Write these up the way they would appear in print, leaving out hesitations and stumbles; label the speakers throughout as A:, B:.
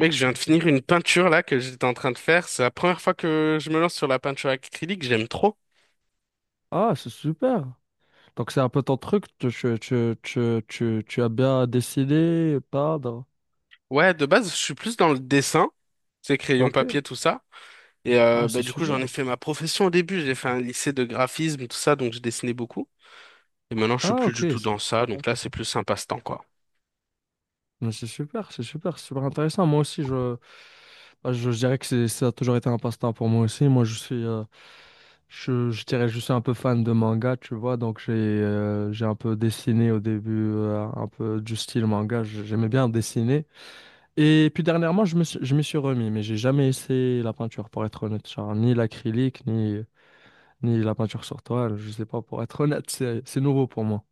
A: Mec, je viens de finir une peinture là que j'étais en train de faire. C'est la première fois que je me lance sur la peinture acrylique, j'aime trop.
B: Ah, c'est super. Donc c'est un peu ton truc, tu as bien dessiné, peindre.
A: Ouais, de base, je suis plus dans le dessin, c'est crayon
B: Ok.
A: papier, tout ça.
B: Ah, c'est
A: Du coup, j'en
B: super.
A: ai fait ma profession au début. J'ai fait un lycée de graphisme, tout ça, donc je dessinais beaucoup. Et maintenant, je suis
B: Ah,
A: plus
B: ok,
A: du tout
B: c'est
A: dans ça.
B: sympa.
A: Donc là, c'est plus un passe-temps, quoi.
B: Mais c'est super, c'est super, c'est super intéressant. Moi aussi, je dirais que ça a toujours été un passe-temps pour moi aussi. Moi, je suis, je dirais, je suis un peu fan de manga, tu vois. Donc j'ai un peu dessiné au début, un peu du style manga. J'aimais bien dessiner. Et puis dernièrement, je m'y suis remis, mais j'ai jamais essayé la peinture, pour être honnête. Genre, ni l'acrylique, ni la peinture sur toile, je sais pas, pour être honnête, c'est nouveau pour moi.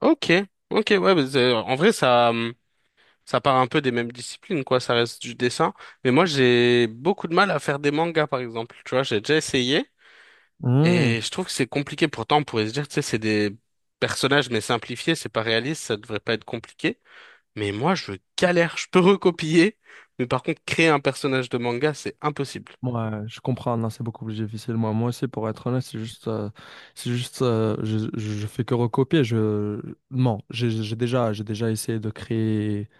A: Ok, ok, ouais, mais en vrai, ça part un peu des mêmes disciplines, quoi. Ça reste du dessin. Mais moi, j'ai beaucoup de mal à faire des mangas, par exemple. Tu vois, j'ai déjà essayé.
B: Hmm.
A: Et je trouve que c'est compliqué. Pourtant, on pourrait se dire, tu sais, c'est des personnages, mais simplifiés, c'est pas réaliste, ça devrait pas être compliqué. Mais moi, je galère. Je peux recopier, mais par contre, créer un personnage de manga, c'est impossible.
B: Ouais, je comprends, non, c'est beaucoup plus difficile. Moi aussi, pour être honnête, c'est juste, je fais que recopier. Je, non, j'ai j'ai déjà essayé de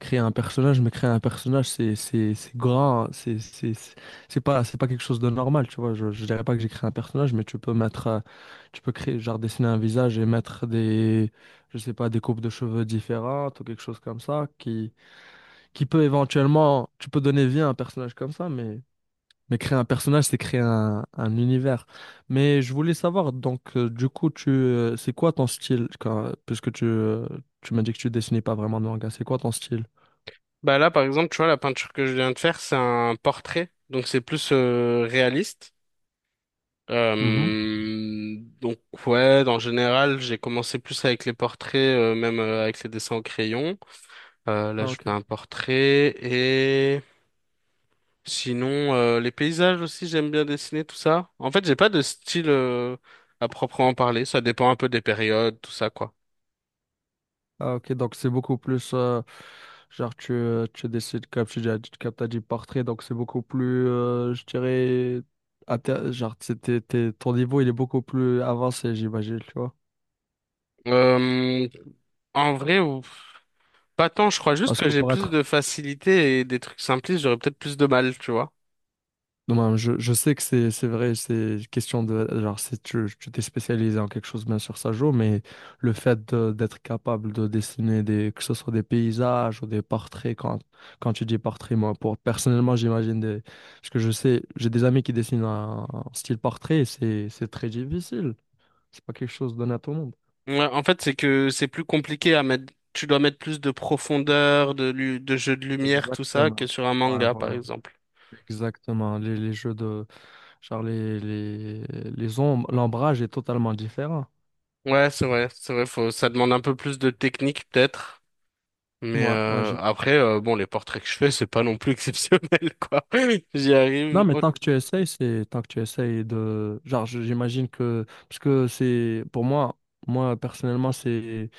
B: créer un personnage, mais créer un personnage, c'est grand, hein, c'est pas quelque chose de normal, tu vois. Je dirais pas que j'ai créé un personnage, mais tu peux mettre, tu peux créer, genre dessiner un visage et mettre des, je sais pas, des coupes de cheveux différentes ou quelque chose comme ça, qui peut éventuellement, tu peux donner vie à un personnage comme ça, mais créer un personnage, c'est créer un univers. Mais je voulais savoir, donc, du coup, c'est quoi ton style, puisque tu m'as dit que tu dessinais pas vraiment de manga, c'est quoi ton style?
A: Bah là, par exemple, tu vois, la peinture que je viens de faire, c'est un portrait, donc c'est plus réaliste.
B: Mm-hmm.
A: Donc ouais, en général, j'ai commencé plus avec les portraits, même avec les dessins au crayon. Là,
B: Ah,
A: je
B: ok.
A: fais un portrait. Sinon, les paysages aussi, j'aime bien dessiner tout ça. En fait, j'ai pas de style à proprement parler. Ça dépend un peu des périodes, tout ça, quoi.
B: Ah, ok. Donc, c'est beaucoup plus. Genre, tu décides, comme tu dis, comme t'as dit, portrait. Donc, c'est beaucoup plus, je dirais. Genre, ton niveau, il est beaucoup plus avancé, j'imagine, tu vois.
A: Euh, En vrai, pas tant. Je crois juste
B: Parce
A: que
B: que
A: j'ai
B: pour
A: plus
B: être
A: de facilité et des trucs simplistes, j'aurais peut-être plus de mal, tu vois.
B: Non, non, je sais que c'est vrai, c'est question de genre, si tu t'es spécialisé en quelque chose, bien sûr, ça joue, mais le fait d'être capable de dessiner des, que ce soit des paysages ou des portraits, quand tu dis portrait, moi, pour, personnellement, j'imagine des. Parce que je sais, j'ai des amis qui dessinent un style portrait, et c'est très difficile. C'est pas quelque chose donné à tout le monde.
A: Ouais, en fait, c'est que c'est plus compliqué à mettre. Tu dois mettre plus de profondeur, de jeu de lumière, tout ça, que
B: Exactement.
A: sur un
B: Ouais,
A: manga, par
B: voilà.
A: exemple.
B: Exactement. Les jeux de genre, les ombres, l'ombrage est totalement différent.
A: Ouais, c'est vrai, c'est vrai. Faut, ça demande un peu plus de technique, peut-être.
B: Ouais, ouais,
A: Bon, les portraits que je fais, c'est pas non plus exceptionnel, quoi. J'y
B: non,
A: arrive.
B: mais tant que tu essayes, c'est tant que tu essayes de genre, j'imagine que, parce que c'est pour moi, moi, personnellement, c'est.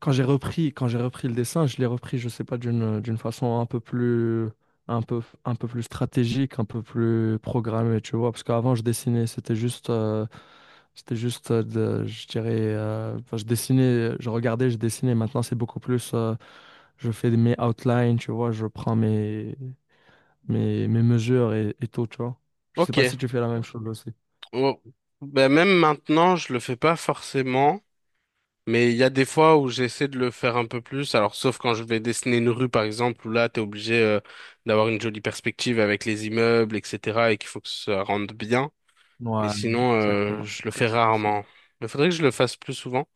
B: Quand j'ai repris le dessin, je l'ai repris, je sais pas, d'une façon un peu plus, un peu plus stratégique, un peu plus programmée, tu vois. Parce qu'avant, je dessinais, c'était juste. C'était juste, je dirais, enfin, je dessinais, je regardais, je dessinais. Maintenant, c'est beaucoup plus, je fais mes outlines, tu vois, je prends mes mesures et tout, tu vois. Je sais pas si
A: Ok.
B: tu fais la même chose aussi.
A: Oh. Ben, même maintenant, je le fais pas forcément. Mais il y a des fois où j'essaie de le faire un peu plus. Alors, sauf quand je vais dessiner une rue, par exemple, où là, t'es obligé d'avoir une jolie perspective avec les immeubles, etc., et qu'il faut que ça rende bien. Mais
B: Ouais,
A: sinon,
B: exactement.
A: je
B: C'est
A: le
B: très
A: fais
B: difficile.
A: rarement. Il faudrait que je le fasse plus souvent.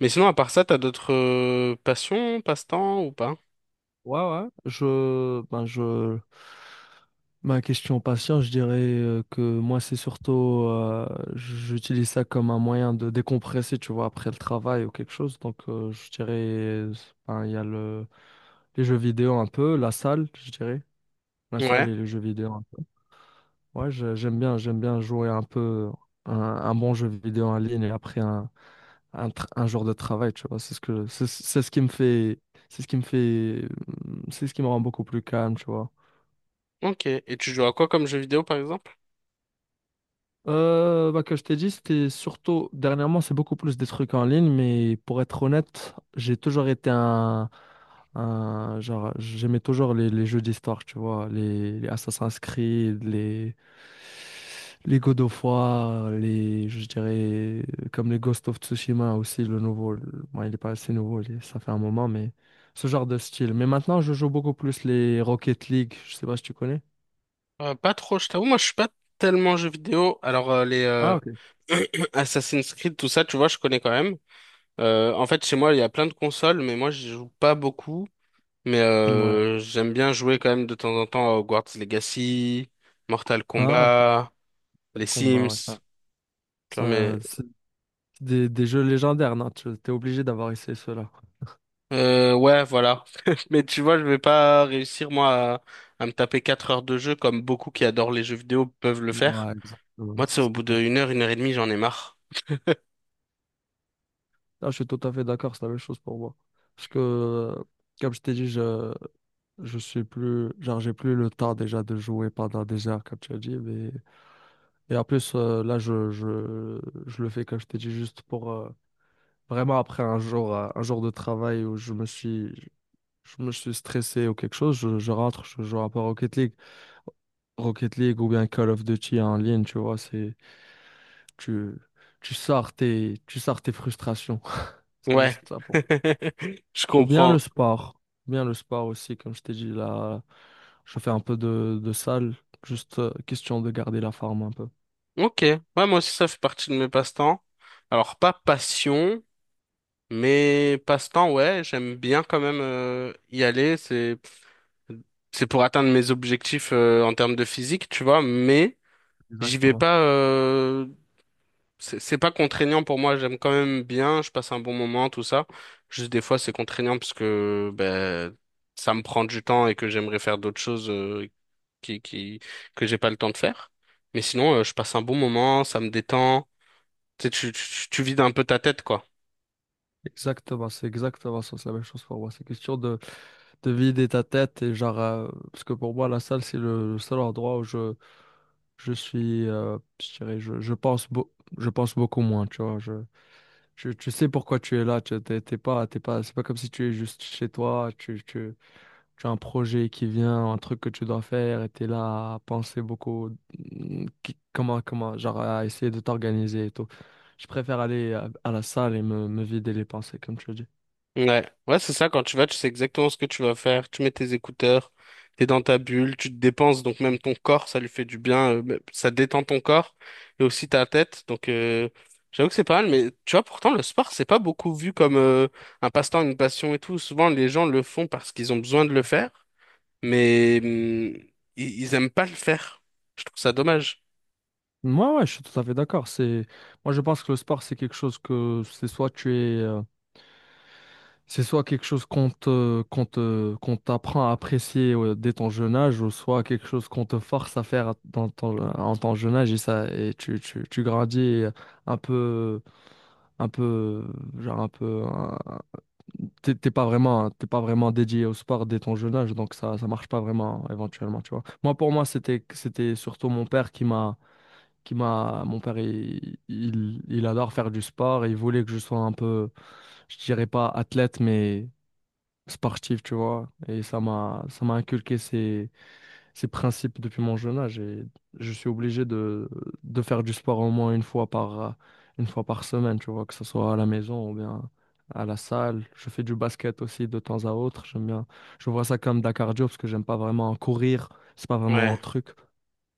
A: Mais sinon, à part ça, t'as d'autres passions, passe-temps ou pas?
B: Ouais, ouais. Ma question patient, je dirais que moi, c'est surtout, j'utilise ça comme un moyen de décompresser, tu vois, après le travail ou quelque chose. Donc, je dirais, ben, il y a les jeux vidéo un peu, la salle, je dirais. La salle
A: Ouais.
B: et les jeux vidéo un peu. Ouais, j'aime bien jouer un peu un bon jeu vidéo en ligne et après un genre de travail, tu vois. C'est ce qui me fait, c'est ce qui me fait, c'est ce qui me rend beaucoup plus calme, tu vois.
A: Ok, et tu joues à quoi comme jeu vidéo par exemple?
B: Que je t'ai dit, c'était surtout, dernièrement, c'est beaucoup plus des trucs en ligne, mais pour être honnête, j'ai toujours été genre, j'aimais toujours les jeux d'histoire, tu vois, les Assassin's Creed, les God of War, les, je dirais, comme les Ghost of Tsushima aussi, bon, il est pas assez nouveau, ça fait un moment, mais ce genre de style. Mais maintenant, je joue beaucoup plus les Rocket League, je sais pas si tu connais.
A: Pas trop, je t'avoue, moi je suis pas tellement jeu vidéo. Alors les
B: Ah, ok.
A: Assassin's Creed, tout ça, tu vois, je connais quand même. En fait, chez moi, il y a plein de consoles, mais moi je joue pas beaucoup.
B: Ouais.
A: J'aime bien jouer quand même de temps en temps à Hogwarts Legacy, Mortal
B: Ah, ok.
A: Kombat, les
B: Mortal Kombat,
A: Sims.
B: ouais,
A: Tu vois, mais
B: ça, c'est des jeux légendaires, non? Tu es obligé d'avoir essayé ceux-là.
A: ouais, voilà. Mais tu vois, je vais pas réussir moi à me taper 4 heures de jeu comme beaucoup qui adorent les jeux vidéo peuvent le faire.
B: Ouais, exactement,
A: Moi, tu
B: c'est
A: sais,
B: ce
A: au
B: que
A: bout
B: t'as.
A: d'une heure, une heure et demie, j'en ai marre.
B: Ah, je suis tout à fait d'accord, c'est la même chose pour moi. Parce que, comme je t'ai dit, je suis plus, genre, j'ai plus le temps déjà de jouer pendant des heures, comme tu as dit. Et en plus, je le fais, comme je t'ai dit, juste pour vraiment après un jour de travail où je me suis stressé ou quelque chose, je rentre, je joue un peu à Rocket League, Rocket League ou bien Call of Duty en ligne, tu vois, tu, tu sors tu sors tes frustrations. C'est
A: Ouais,
B: juste ça pour.
A: je
B: Ou bien
A: comprends.
B: le sport. Ou bien le sport aussi, comme je t'ai dit là. Je fais un peu de salle, juste question de garder la forme un peu.
A: Ok, ouais, moi aussi, ça fait partie de mes passe-temps. Alors, pas passion, mais passe-temps, ouais, j'aime bien quand même y aller. C'est pour atteindre mes objectifs en termes de physique, tu vois, mais j'y vais
B: Exactement.
A: pas. C'est pas contraignant pour moi, j'aime quand même bien, je passe un bon moment, tout ça. Juste des fois, c'est contraignant parce que ben, ça me prend du temps et que j'aimerais faire d'autres choses qui, qui, que j'ai pas le temps de faire. Mais sinon, je passe un bon moment, ça me détend. Tu sais, tu vides un peu ta tête, quoi.
B: Exactement, c'est exactement ça, c'est la même chose pour moi. C'est question de vider ta tête et genre, parce que pour moi, la salle, c'est le seul endroit où je dirais, je pense beaucoup moins, tu vois. Je, tu sais pourquoi tu es là, tu t'es t'es pas, c'est pas comme si tu es juste chez toi, tu as un projet qui vient, un truc que tu dois faire, et t'es là à penser beaucoup, comment, comment, genre à essayer de t'organiser et tout. Je préfère aller à la salle et me vider les pensées, comme tu le dis.
A: Ouais, ouais, c'est ça, quand tu vas, tu sais exactement ce que tu vas faire, tu mets tes écouteurs, t'es dans ta bulle, tu te dépenses, donc même ton corps, ça lui fait du bien, mais ça détend ton corps, et aussi ta tête, donc j'avoue que c'est pas mal, mais tu vois, pourtant, le sport, c'est pas beaucoup vu comme un passe-temps, une passion et tout, souvent, les gens le font parce qu'ils ont besoin de le faire, mais ils aiment pas le faire, je trouve ça dommage.
B: Moi, ouais, je suis tout à fait d'accord. Moi, je pense que le sport, c'est quelque chose que c'est soit tu es, c'est soit quelque chose qu'on qu'on t'apprend à apprécier dès ton jeune âge, ou soit quelque chose qu'on te force à faire dans ton, en ton jeune âge et ça, et tu grandis et un peu, un peu, genre un peu, t'es t'es pas vraiment dédié au sport dès ton jeune âge, donc ça marche pas vraiment éventuellement, tu vois. Moi, pour moi, c'était, c'était surtout mon père qui m'a, mon père, il adore faire du sport et il voulait que je sois un peu, je dirais pas athlète, mais sportif, tu vois. Et ça m'a inculqué ces principes depuis mon jeune âge. Et je suis obligé de faire du sport au moins une fois par semaine, tu vois, que ce soit à la maison ou bien à la salle. Je fais du basket aussi de temps à autre. J'aime bien. Je vois ça comme de la cardio parce que j'aime pas vraiment courir. C'est pas vraiment un
A: Ouais,
B: truc.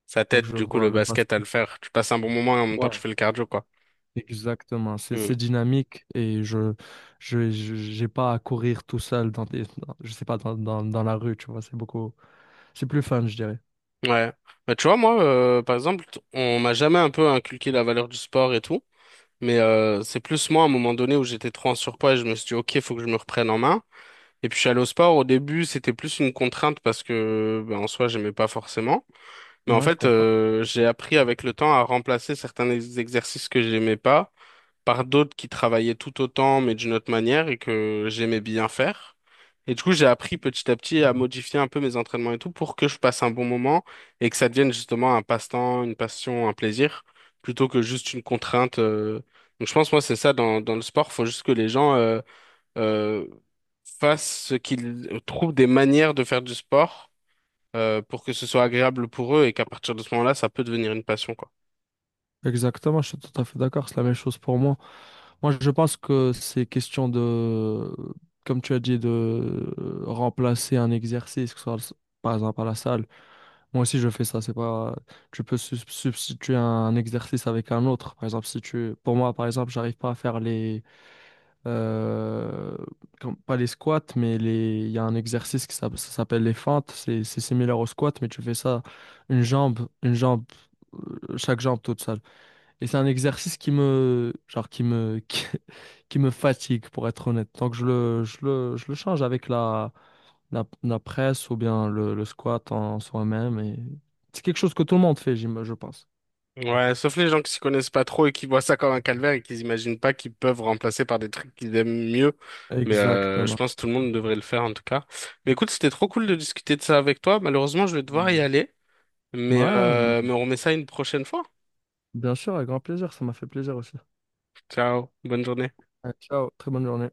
A: ça
B: Donc
A: t'aide,
B: je
A: du coup,
B: vois
A: le
B: le
A: basket à le
B: basket.
A: faire, tu passes un bon moment et en même temps, tu
B: Ouais.
A: fais le cardio, quoi.
B: Exactement, c'est dynamique et j'ai pas à courir tout seul dans je sais pas dans la rue, tu vois, c'est beaucoup, c'est plus fun, je dirais.
A: Ouais. Bah, tu vois, moi, par exemple, on m'a jamais un peu inculqué la valeur du sport et tout, mais c'est plus moi, à un moment donné, où j'étais trop en surpoids et je me suis dit, OK, faut que je me reprenne en main. Et puis, je suis allé au sport. Au début, c'était plus une contrainte parce que, ben, en soi, j'aimais pas forcément. Mais en
B: Moi, je
A: fait,
B: comprends.
A: j'ai appris avec le temps à remplacer certains exercices que j'aimais pas par d'autres qui travaillaient tout autant, mais d'une autre manière, et que j'aimais bien faire. Et du coup, j'ai appris petit à petit à modifier un peu mes entraînements et tout pour que je passe un bon moment et que ça devienne justement un passe-temps, une passion, un plaisir, plutôt que juste une contrainte. Donc je pense, moi, c'est ça dans, dans le sport, faut juste que les gens euh, fassent ce qu'ils trouvent des manières de faire du sport pour que ce soit agréable pour eux et qu'à partir de ce moment-là, ça peut devenir une passion, quoi.
B: Exactement, je suis tout à fait d'accord. C'est la même chose pour moi. Moi, je pense que c'est question de, comme tu as dit, de remplacer un exercice, que ce soit par exemple à la salle. Moi aussi, je fais ça. C'est pas, tu peux substituer un exercice avec un autre. Par exemple, si tu, pour moi, par exemple, j'arrive pas à faire les euh, pas les squats, mais les, il y a un exercice qui ça s'appelle les fentes. C'est similaire au squat, mais tu fais ça une jambe, chaque jambe toute seule. Et c'est un exercice genre qui, qui me fatigue, pour être honnête. Donc je le change avec la presse ou bien le squat en soi-même. Et c'est quelque chose que tout le monde fait, je pense.
A: Ouais, sauf les gens qui s'y connaissent pas trop et qui voient ça comme un calvaire et qui imaginent pas qu'ils peuvent remplacer par des trucs qu'ils aiment mieux. Je
B: Exactement.
A: pense que tout le monde devrait le faire en tout cas. Mais écoute, c'était trop cool de discuter de ça avec toi. Malheureusement, je vais devoir y
B: Mm.
A: aller.
B: Ouais,
A: Mais on remet ça une prochaine fois.
B: bien sûr, avec grand plaisir. Ça m'a fait plaisir aussi.
A: Ciao, bonne journée.
B: Ouais, Ciao, très bonne journée.